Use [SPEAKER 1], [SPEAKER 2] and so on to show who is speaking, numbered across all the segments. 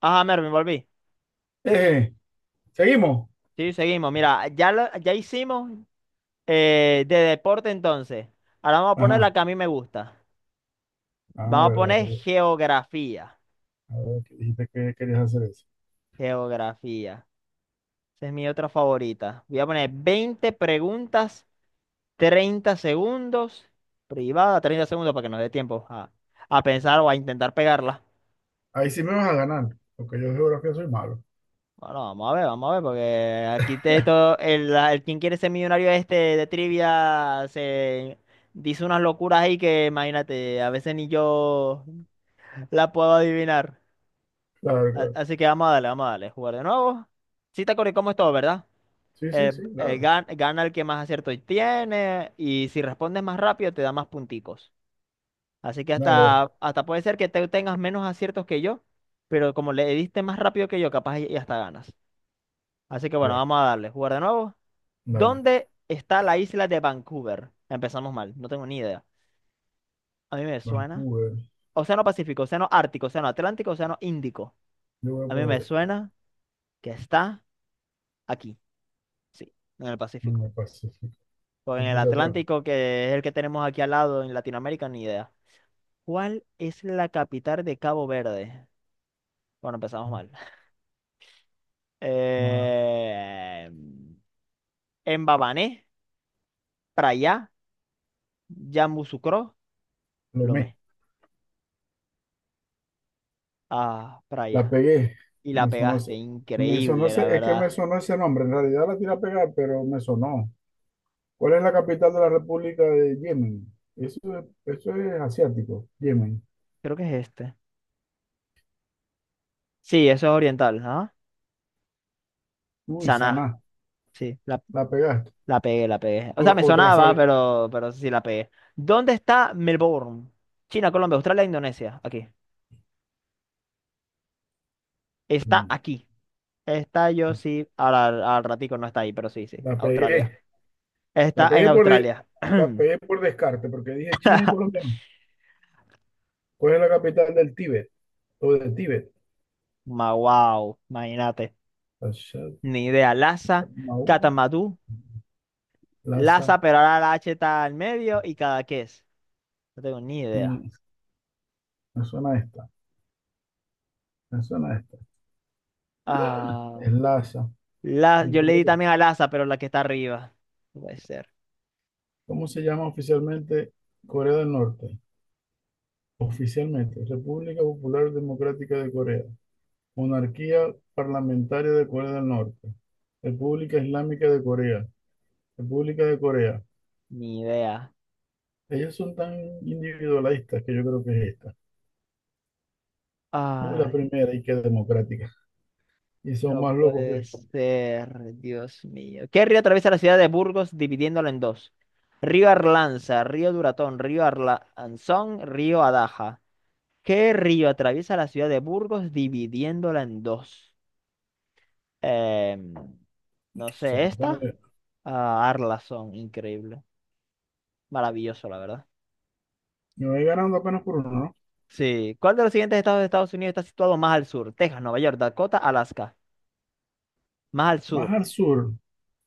[SPEAKER 1] Ajá, Mervin, volví.
[SPEAKER 2] Eh, Seguimos.
[SPEAKER 1] Sí, seguimos. Mira, ya, ya hicimos de deporte entonces. Ahora vamos a poner
[SPEAKER 2] Ajá.
[SPEAKER 1] la que a mí me gusta.
[SPEAKER 2] Ah,
[SPEAKER 1] Vamos a
[SPEAKER 2] verdad que,
[SPEAKER 1] poner geografía.
[SPEAKER 2] ah, verdad que dijiste que querías hacer eso.
[SPEAKER 1] Geografía. Esa es mi otra favorita. Voy a poner 20 preguntas, 30 segundos. Privada, 30 segundos para que nos dé tiempo a pensar o a intentar pegarla.
[SPEAKER 2] Ahí sí me vas a ganar, porque yo de geografía soy malo.
[SPEAKER 1] Bueno, vamos a ver, porque aquí te, todo, el, la- el quien quiere ser millonario este de trivia se dice unas locuras ahí que imagínate, a veces ni yo la puedo adivinar.
[SPEAKER 2] Claro, claro.
[SPEAKER 1] Así que vamos a darle, jugar de nuevo. Sí te acordé cómo es todo, ¿verdad?
[SPEAKER 2] Sí, sí, sí, dale.
[SPEAKER 1] Gana el que más aciertos tiene y si respondes más rápido te da más punticos. Así que
[SPEAKER 2] Dale, dale.
[SPEAKER 1] hasta puede ser que te tengas menos aciertos que yo, pero como le diste más rápido que yo, capaz y hasta ganas. Así que bueno,
[SPEAKER 2] Ya,
[SPEAKER 1] vamos a darle, jugar de nuevo.
[SPEAKER 2] dale.
[SPEAKER 1] ¿Dónde está la isla de Vancouver? Empezamos mal, no tengo ni idea. A mí me suena.
[SPEAKER 2] Vancouver.
[SPEAKER 1] Océano Pacífico, Océano Ártico, Océano Atlántico, Océano Índico.
[SPEAKER 2] Yo voy a
[SPEAKER 1] A mí me
[SPEAKER 2] poner esto.
[SPEAKER 1] suena que está aquí, sí, en el
[SPEAKER 2] No
[SPEAKER 1] Pacífico.
[SPEAKER 2] me Pacífico.
[SPEAKER 1] O en
[SPEAKER 2] Yo
[SPEAKER 1] el
[SPEAKER 2] puse Atlántico.
[SPEAKER 1] Atlántico, que es el que tenemos aquí al lado en Latinoamérica, ni idea. ¿Cuál es la capital de Cabo Verde? Bueno, empezamos mal.
[SPEAKER 2] Ma-
[SPEAKER 1] Eh... Mbabané, Praia, Yamoussoukro,
[SPEAKER 2] Lomé.
[SPEAKER 1] Lomé. Ah,
[SPEAKER 2] La
[SPEAKER 1] Praia.
[SPEAKER 2] pegué.
[SPEAKER 1] Y la
[SPEAKER 2] Me sonó ese.
[SPEAKER 1] pegaste,
[SPEAKER 2] Me sonó
[SPEAKER 1] increíble,
[SPEAKER 2] ese.
[SPEAKER 1] la
[SPEAKER 2] Es que
[SPEAKER 1] verdad.
[SPEAKER 2] me sonó ese nombre. En realidad la tiré a pegar, pero me sonó. ¿Cuál es la capital de la República de Yemen? Eso es, eso es asiático. Yemen.
[SPEAKER 1] Creo que es este. Sí, eso es oriental, ¿ah?
[SPEAKER 2] Uy,
[SPEAKER 1] Saná.
[SPEAKER 2] saná,
[SPEAKER 1] Sí, la,
[SPEAKER 2] la pegaste.
[SPEAKER 1] la pegué, la pegué. O
[SPEAKER 2] O,
[SPEAKER 1] sea, me
[SPEAKER 2] o te la
[SPEAKER 1] sonaba,
[SPEAKER 2] sabes.
[SPEAKER 1] pero sí la pegué. ¿Dónde está Melbourne? China, Colombia, Australia, Indonesia. Aquí. Está
[SPEAKER 2] No,
[SPEAKER 1] aquí. Está yo sí. Ahora al ratico no está ahí, pero sí, sí.
[SPEAKER 2] la
[SPEAKER 1] Australia.
[SPEAKER 2] pegué. La
[SPEAKER 1] Está en
[SPEAKER 2] pegué por de-
[SPEAKER 1] Australia.
[SPEAKER 2] la pegué por descarte, porque dije China y Colombia. No. ¿Cuál es la capital del Tíbet? O del Tíbet.
[SPEAKER 1] Wow, imagínate.
[SPEAKER 2] Lhasa,
[SPEAKER 1] Ni idea. Lhasa, Catamatú,
[SPEAKER 2] Lhasa.
[SPEAKER 1] Lhasa, pero ahora la H está al medio y cada es. No tengo ni idea.
[SPEAKER 2] Mm, Me suena esta. Me suena esta.
[SPEAKER 1] Ah,
[SPEAKER 2] Es Lhasa. Yo
[SPEAKER 1] Yo le
[SPEAKER 2] pensé
[SPEAKER 1] di
[SPEAKER 2] que-
[SPEAKER 1] también a Laza, pero la que está arriba. No puede ser.
[SPEAKER 2] ¿Cómo se llama oficialmente Corea del Norte? Oficialmente, República Popular Democrática de Corea. Monarquía Parlamentaria de Corea del Norte. República Islámica de Corea. República de Corea.
[SPEAKER 1] Ni idea.
[SPEAKER 2] Ellos son tan individualistas que yo creo que es esta. Uy, la
[SPEAKER 1] Ay,
[SPEAKER 2] primera y que es democrática. Y son
[SPEAKER 1] no
[SPEAKER 2] más locos que. O
[SPEAKER 1] puede ser. Dios mío. ¿Qué río atraviesa la ciudad de Burgos dividiéndola en dos? Río Arlanza, Río Duratón, Río Arlanzón, Río Adaja. ¿Qué río atraviesa la ciudad de Burgos dividiéndola en dos? Em, no
[SPEAKER 2] sea,
[SPEAKER 1] sé,
[SPEAKER 2] no tengo
[SPEAKER 1] ¿esta?
[SPEAKER 2] idea.
[SPEAKER 1] Ah, Arlanzón, increíble. Maravilloso, la verdad.
[SPEAKER 2] Me voy ganando apenas por uno, ¿no?
[SPEAKER 1] Sí. ¿Cuál de los siguientes estados de Estados Unidos está situado más al sur? Texas, Nueva York, Dakota, Alaska. Más al
[SPEAKER 2] Más
[SPEAKER 1] sur.
[SPEAKER 2] al sur,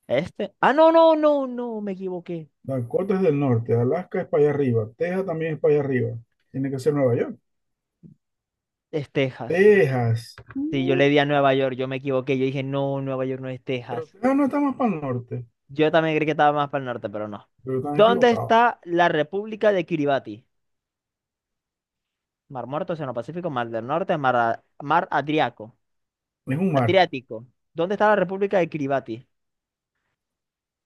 [SPEAKER 1] Este. Ah, no, no, no, no, me equivoqué.
[SPEAKER 2] Dakota es del norte, Alaska es para allá arriba, Texas también es para allá arriba. Tiene que ser Nueva York.
[SPEAKER 1] Es Texas.
[SPEAKER 2] Texas.
[SPEAKER 1] Sí, yo le di a Nueva York, yo me equivoqué. Yo dije, no, Nueva York no es
[SPEAKER 2] Pero
[SPEAKER 1] Texas.
[SPEAKER 2] Texas no está más para el norte,
[SPEAKER 1] Yo también creí que estaba más para el norte, pero no.
[SPEAKER 2] pero están
[SPEAKER 1] ¿Dónde
[SPEAKER 2] equivocados.
[SPEAKER 1] está la República de Kiribati? Mar Muerto, Océano Pacífico, Mar del Norte, Mar, A- Mar Adriaco-
[SPEAKER 2] Es un mar,
[SPEAKER 1] Adriático. ¿Dónde está la República de Kiribati?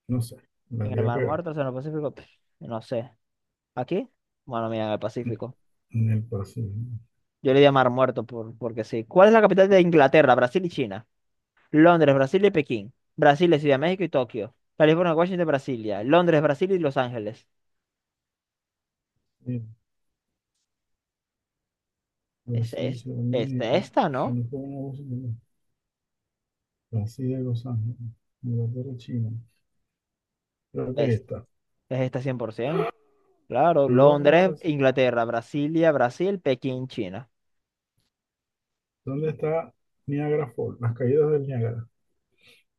[SPEAKER 2] no sé. La
[SPEAKER 1] En el
[SPEAKER 2] voy a
[SPEAKER 1] Mar
[SPEAKER 2] pegar.
[SPEAKER 1] Muerto, Océano Pacífico. Pff, no sé. ¿Aquí? Bueno, mira, en el Pacífico.
[SPEAKER 2] En el Pacífico.
[SPEAKER 1] Yo le di a Mar Muerto porque sí. ¿Cuál es la capital de Inglaterra, Brasil y China? Londres, Brasil y Pekín. Brasil, es Ciudad de México y Tokio. California, Washington, Brasilia. Londres, Brasil y Los Ángeles.
[SPEAKER 2] Sí,
[SPEAKER 1] Es,
[SPEAKER 2] Brasil,
[SPEAKER 1] es,
[SPEAKER 2] Ciudad de
[SPEAKER 1] es
[SPEAKER 2] México.
[SPEAKER 1] esta, ¿no?
[SPEAKER 2] California, Washington, Brasil, Los Ángeles. Inglaterra, China. Creo que ahí
[SPEAKER 1] Es,
[SPEAKER 2] está.
[SPEAKER 1] es esta 100%. Claro,
[SPEAKER 2] Londres,
[SPEAKER 1] Londres,
[SPEAKER 2] Brasil.
[SPEAKER 1] Inglaterra, Brasilia, Brasil, Pekín, China.
[SPEAKER 2] ¿Dónde está Niagara Falls? Las caídas del Niágara.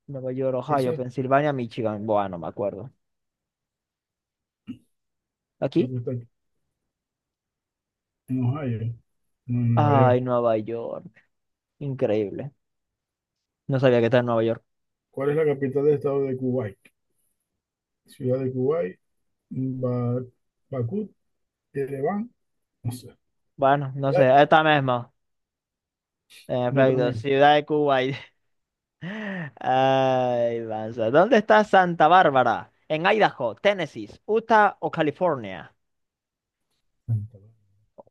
[SPEAKER 1] Nueva York,
[SPEAKER 2] Eso
[SPEAKER 1] Ohio,
[SPEAKER 2] es
[SPEAKER 1] Pensilvania, Michigan. Bueno, me acuerdo.
[SPEAKER 2] lo
[SPEAKER 1] ¿Aquí?
[SPEAKER 2] que está aquí, en Ohio, no en Nueva
[SPEAKER 1] Ay,
[SPEAKER 2] York.
[SPEAKER 1] Nueva York. Increíble. No sabía que está en Nueva York.
[SPEAKER 2] ¿Cuál es la capital del estado de Kuwait? Ciudad de Kuwait, Ba- Bakú, Ereván, no sé.
[SPEAKER 1] Bueno, no sé.
[SPEAKER 2] Eh,
[SPEAKER 1] Esta misma. En
[SPEAKER 2] Yo
[SPEAKER 1] efecto,
[SPEAKER 2] también.
[SPEAKER 1] Ciudad de Cuba. Ay, Vanza. ¿Dónde está Santa Bárbara? ¿En Idaho, Tennessee, Utah o California?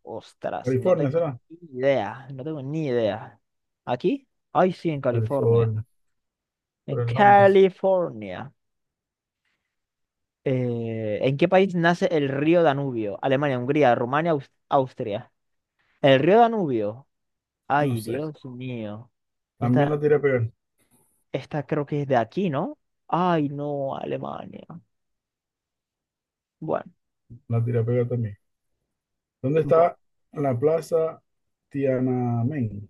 [SPEAKER 1] Ostras, no
[SPEAKER 2] California,
[SPEAKER 1] tengo ni
[SPEAKER 2] ¿será?
[SPEAKER 1] idea. No tengo ni idea. ¿Aquí? Ay, sí, en California.
[SPEAKER 2] California,
[SPEAKER 1] En
[SPEAKER 2] por el nombre, sí.
[SPEAKER 1] California. ¿En qué país nace el río Danubio? Alemania, Hungría, Rumania, Austria. El río Danubio.
[SPEAKER 2] No
[SPEAKER 1] Ay,
[SPEAKER 2] sé.
[SPEAKER 1] Dios mío.
[SPEAKER 2] También
[SPEAKER 1] Esta,
[SPEAKER 2] la tira a pegar,
[SPEAKER 1] esta creo que es de aquí, ¿no? Ay, no, Alemania. Bueno,
[SPEAKER 2] la tira a pegar también. ¿Dónde
[SPEAKER 1] bueno,
[SPEAKER 2] está la plaza Tiananmen?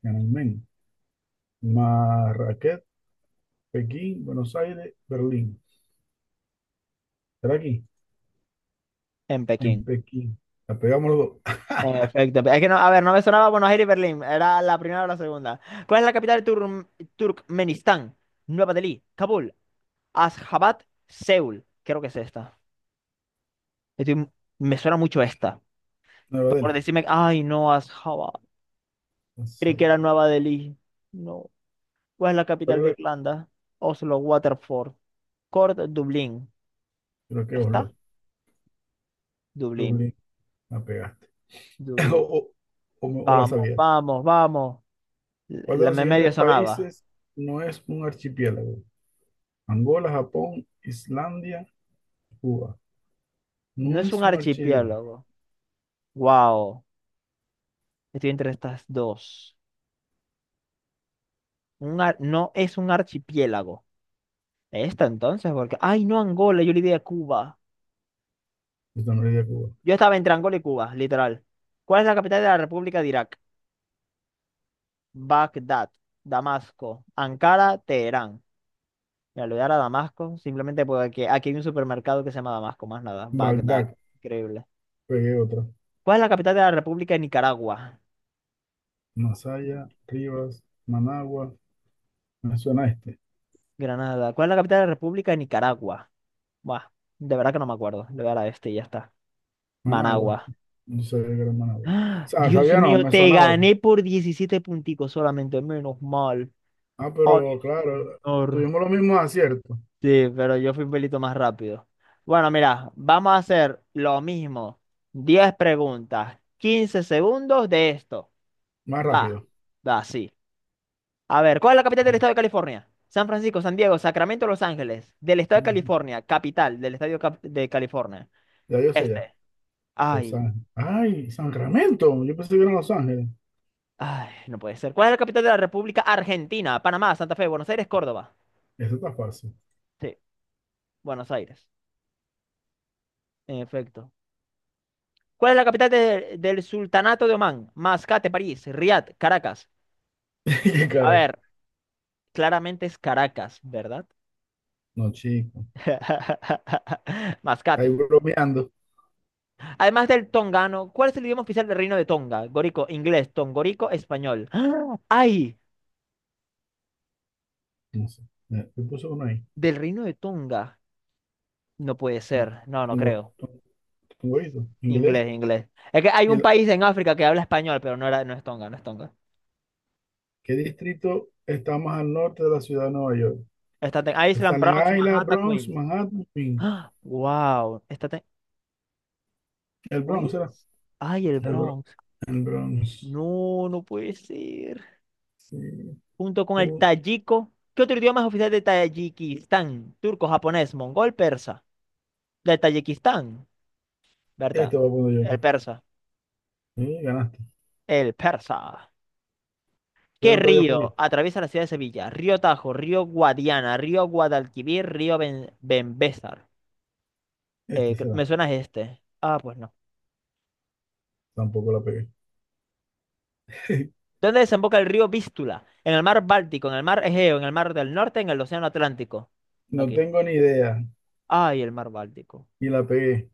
[SPEAKER 2] Tiananmen, Marrakech, Pekín, Buenos Aires, Berlín. ¿Será aquí?
[SPEAKER 1] en
[SPEAKER 2] En
[SPEAKER 1] Pekín.
[SPEAKER 2] Pekín. La pegamos los dos.
[SPEAKER 1] En efecto, es que no, a ver, no me sonaba Buenos Aires y Berlín, era la primera o la segunda. ¿Cuál es la capital de Turkmenistán? Nueva Delhi, Kabul, Ashgabat, Seúl. Creo que es esta. Estoy- m- me suena mucho esta.
[SPEAKER 2] Nueva
[SPEAKER 1] Por
[SPEAKER 2] Delhi.
[SPEAKER 1] decirme, ay, no, Ashgabat. Creí que
[SPEAKER 2] Sabah.
[SPEAKER 1] era Nueva Delhi. No. ¿Cuál es la
[SPEAKER 2] ¿Cuál
[SPEAKER 1] capital
[SPEAKER 2] es
[SPEAKER 1] de
[SPEAKER 2] la-
[SPEAKER 1] Irlanda? Oslo, Waterford, Cork, Dublín.
[SPEAKER 2] Creo que
[SPEAKER 1] ¿Está?
[SPEAKER 2] Oslo.
[SPEAKER 1] Dublín,
[SPEAKER 2] Dublín. La pegaste. O,
[SPEAKER 1] Dublín.
[SPEAKER 2] o- o la
[SPEAKER 1] Vamos,
[SPEAKER 2] sabías.
[SPEAKER 1] vamos, vamos.
[SPEAKER 2] ¿Cuál de
[SPEAKER 1] La,
[SPEAKER 2] los
[SPEAKER 1] me
[SPEAKER 2] siguientes
[SPEAKER 1] medio sonaba.
[SPEAKER 2] países no es un archipiélago? Angola, Japón, Islandia, Cuba.
[SPEAKER 1] No
[SPEAKER 2] No
[SPEAKER 1] es un
[SPEAKER 2] es un archipiélago.
[SPEAKER 1] archipiélago. Wow. Estoy entre estas dos. No es un archipiélago. Esta entonces, porque. Ay, no Angola, yo le di a Cuba.
[SPEAKER 2] Esta no es de Cuba.
[SPEAKER 1] Yo estaba entre Angola y Cuba, literal. ¿Cuál es la capital de la República de Irak? Bagdad, Damasco, Ankara, Teherán. Mira, le voy a dar a Damasco, simplemente porque aquí hay un supermercado que se llama Damasco, más nada. Bagdad,
[SPEAKER 2] Bagdad.
[SPEAKER 1] increíble.
[SPEAKER 2] Pegué otra.
[SPEAKER 1] ¿Cuál es la capital de la República de Nicaragua?
[SPEAKER 2] Masaya, Rivas, Managua. Me suena este.
[SPEAKER 1] Granada. ¿Cuál es la capital de la República de Nicaragua? Buah, de verdad que no me acuerdo. Le voy a dar a este y ya está.
[SPEAKER 2] Managua.
[SPEAKER 1] Managua.
[SPEAKER 2] No sabía que era Managua. O
[SPEAKER 1] ¡Ah!
[SPEAKER 2] sea,
[SPEAKER 1] Dios
[SPEAKER 2] sabía, no,
[SPEAKER 1] mío,
[SPEAKER 2] me
[SPEAKER 1] te
[SPEAKER 2] sonaba.
[SPEAKER 1] gané por 17 punticos solamente, menos mal.
[SPEAKER 2] Ah,
[SPEAKER 1] Ay,
[SPEAKER 2] pero claro,
[SPEAKER 1] señor.
[SPEAKER 2] tuvimos los mismos aciertos,
[SPEAKER 1] Sí, pero yo fui un pelito más rápido. Bueno, mira, vamos a hacer lo mismo. 10 preguntas, 15 segundos de esto.
[SPEAKER 2] más
[SPEAKER 1] Va,
[SPEAKER 2] rápido.
[SPEAKER 1] va, sí. A ver, ¿cuál es la capital del estado de California? San Francisco, San Diego, Sacramento, Los Ángeles. Del estado de California, capital del estado de California.
[SPEAKER 2] Ya yo sé ya,
[SPEAKER 1] Este.
[SPEAKER 2] Los
[SPEAKER 1] Ay,
[SPEAKER 2] Ángeles. Ay, Sacramento, yo pensé que eran Los Ángeles.
[SPEAKER 1] ay, no puede ser. ¿Cuál es la capital de la República Argentina? Panamá, Santa Fe, Buenos Aires, Córdoba.
[SPEAKER 2] Eso está fácil.
[SPEAKER 1] Sí, Buenos Aires, en efecto. ¿Cuál es la capital del Sultanato de Omán? Mascate, París, Riad, Caracas.
[SPEAKER 2] Qué
[SPEAKER 1] A
[SPEAKER 2] caraca.
[SPEAKER 1] ver, claramente es Caracas, ¿verdad?
[SPEAKER 2] No, chico. Ahí
[SPEAKER 1] Mascate.
[SPEAKER 2] bromeando.
[SPEAKER 1] Además del tongano, ¿cuál es el idioma oficial del Reino de Tonga? Gorico, inglés, tongorico, español. ¡Ah! ¡Ay!
[SPEAKER 2] No sé. Mira, yo puse uno ahí.
[SPEAKER 1] Del Reino de Tonga. No puede ser. No, no
[SPEAKER 2] Tengo,
[SPEAKER 1] creo.
[SPEAKER 2] inglés.
[SPEAKER 1] Inglés, inglés. Es que hay
[SPEAKER 2] ¿Y
[SPEAKER 1] un país en África que habla español, pero no era, no es Tonga, no es Tonga.
[SPEAKER 2] qué distrito está más al norte de la ciudad de Nueva York?
[SPEAKER 1] Está en Island,
[SPEAKER 2] Staten
[SPEAKER 1] Bronx,
[SPEAKER 2] Island,
[SPEAKER 1] Manhattan,
[SPEAKER 2] Bronx,
[SPEAKER 1] Queens.
[SPEAKER 2] Manhattan, Queens.
[SPEAKER 1] Wow,
[SPEAKER 2] El
[SPEAKER 1] pues,
[SPEAKER 2] Bronx era.
[SPEAKER 1] ay, el
[SPEAKER 2] El, Bro-
[SPEAKER 1] Bronx.
[SPEAKER 2] el Bronx.
[SPEAKER 1] No, no puede ser.
[SPEAKER 2] Sí.
[SPEAKER 1] Junto con el
[SPEAKER 2] Uh,
[SPEAKER 1] tayiko. ¿Qué otro idioma es oficial de Tayikistán? Turco, japonés, mongol, persa. De Tayikistán,
[SPEAKER 2] Este
[SPEAKER 1] ¿verdad?
[SPEAKER 2] voy a poner yo.
[SPEAKER 1] El persa.
[SPEAKER 2] Sí, ganaste.
[SPEAKER 1] El persa. ¿Qué
[SPEAKER 2] Quedan todavía
[SPEAKER 1] río
[SPEAKER 2] poquito.
[SPEAKER 1] atraviesa la ciudad de Sevilla? Río Tajo, río Guadiana, río Guadalquivir, río Benbésar. Eh,
[SPEAKER 2] Este
[SPEAKER 1] cre- me
[SPEAKER 2] será.
[SPEAKER 1] suena este. Ah, pues no.
[SPEAKER 2] Tampoco la pegué.
[SPEAKER 1] ¿Dónde desemboca el río Vístula? En el mar Báltico, en el mar Egeo, en el mar del Norte, en el Océano Atlántico. Ok.
[SPEAKER 2] No tengo ni idea.
[SPEAKER 1] Ay, el mar Báltico.
[SPEAKER 2] Y la pegué.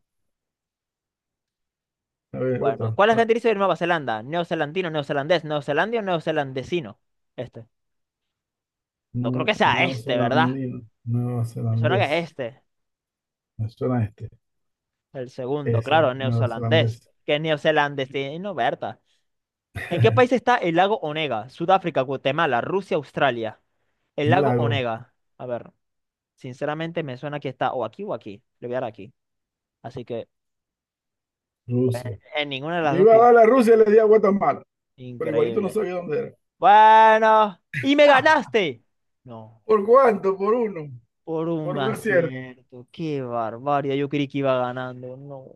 [SPEAKER 2] A ver,
[SPEAKER 1] Bueno,
[SPEAKER 2] otra.
[SPEAKER 1] ¿cuál es la gentilicio de Nueva Zelanda? Neozelandino, neozelandés, neozelandio, neozelandesino. Este. No creo que sea este, ¿verdad?
[SPEAKER 2] Neozelandino.
[SPEAKER 1] Me suena
[SPEAKER 2] Neozelandés.
[SPEAKER 1] que es este.
[SPEAKER 2] Me suena este.
[SPEAKER 1] El segundo,
[SPEAKER 2] Ese.
[SPEAKER 1] claro, neozelandés.
[SPEAKER 2] Neozelandés.
[SPEAKER 1] Que neozelandesino, Berta. ¿En qué país está el lago Onega? Sudáfrica, Guatemala, Rusia, Australia. El
[SPEAKER 2] Un
[SPEAKER 1] lago
[SPEAKER 2] lago.
[SPEAKER 1] Onega. A ver, sinceramente me suena que está o aquí o aquí. Le voy a dar aquí. Así que, pues,
[SPEAKER 2] Rusia.
[SPEAKER 1] en ninguna de las
[SPEAKER 2] Yo
[SPEAKER 1] dos
[SPEAKER 2] iba a
[SPEAKER 1] que yo.
[SPEAKER 2] dar a Rusia y le di a Guatemala. Pero igualito no
[SPEAKER 1] Increíble.
[SPEAKER 2] sabía dónde era.
[SPEAKER 1] Bueno, y me ganaste. No.
[SPEAKER 2] ¿Por cuánto? Por uno.
[SPEAKER 1] Por un
[SPEAKER 2] Por un acierto.
[SPEAKER 1] acierto, qué barbaridad. Yo creí que iba ganando. No.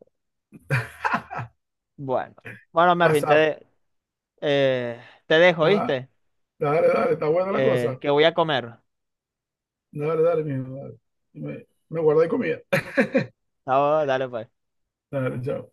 [SPEAKER 1] Bueno, bueno, Mervin,
[SPEAKER 2] WhatsApp.
[SPEAKER 1] eh, te dejo,
[SPEAKER 2] Ah,
[SPEAKER 1] ¿viste?
[SPEAKER 2] dale, dale. Está buena la
[SPEAKER 1] Eh,
[SPEAKER 2] cosa.
[SPEAKER 1] que voy a comer.
[SPEAKER 2] Dale, dale, mijo. Dale. Me guardé comida.
[SPEAKER 1] Ah, dale, pues.
[SPEAKER 2] Dale, chao.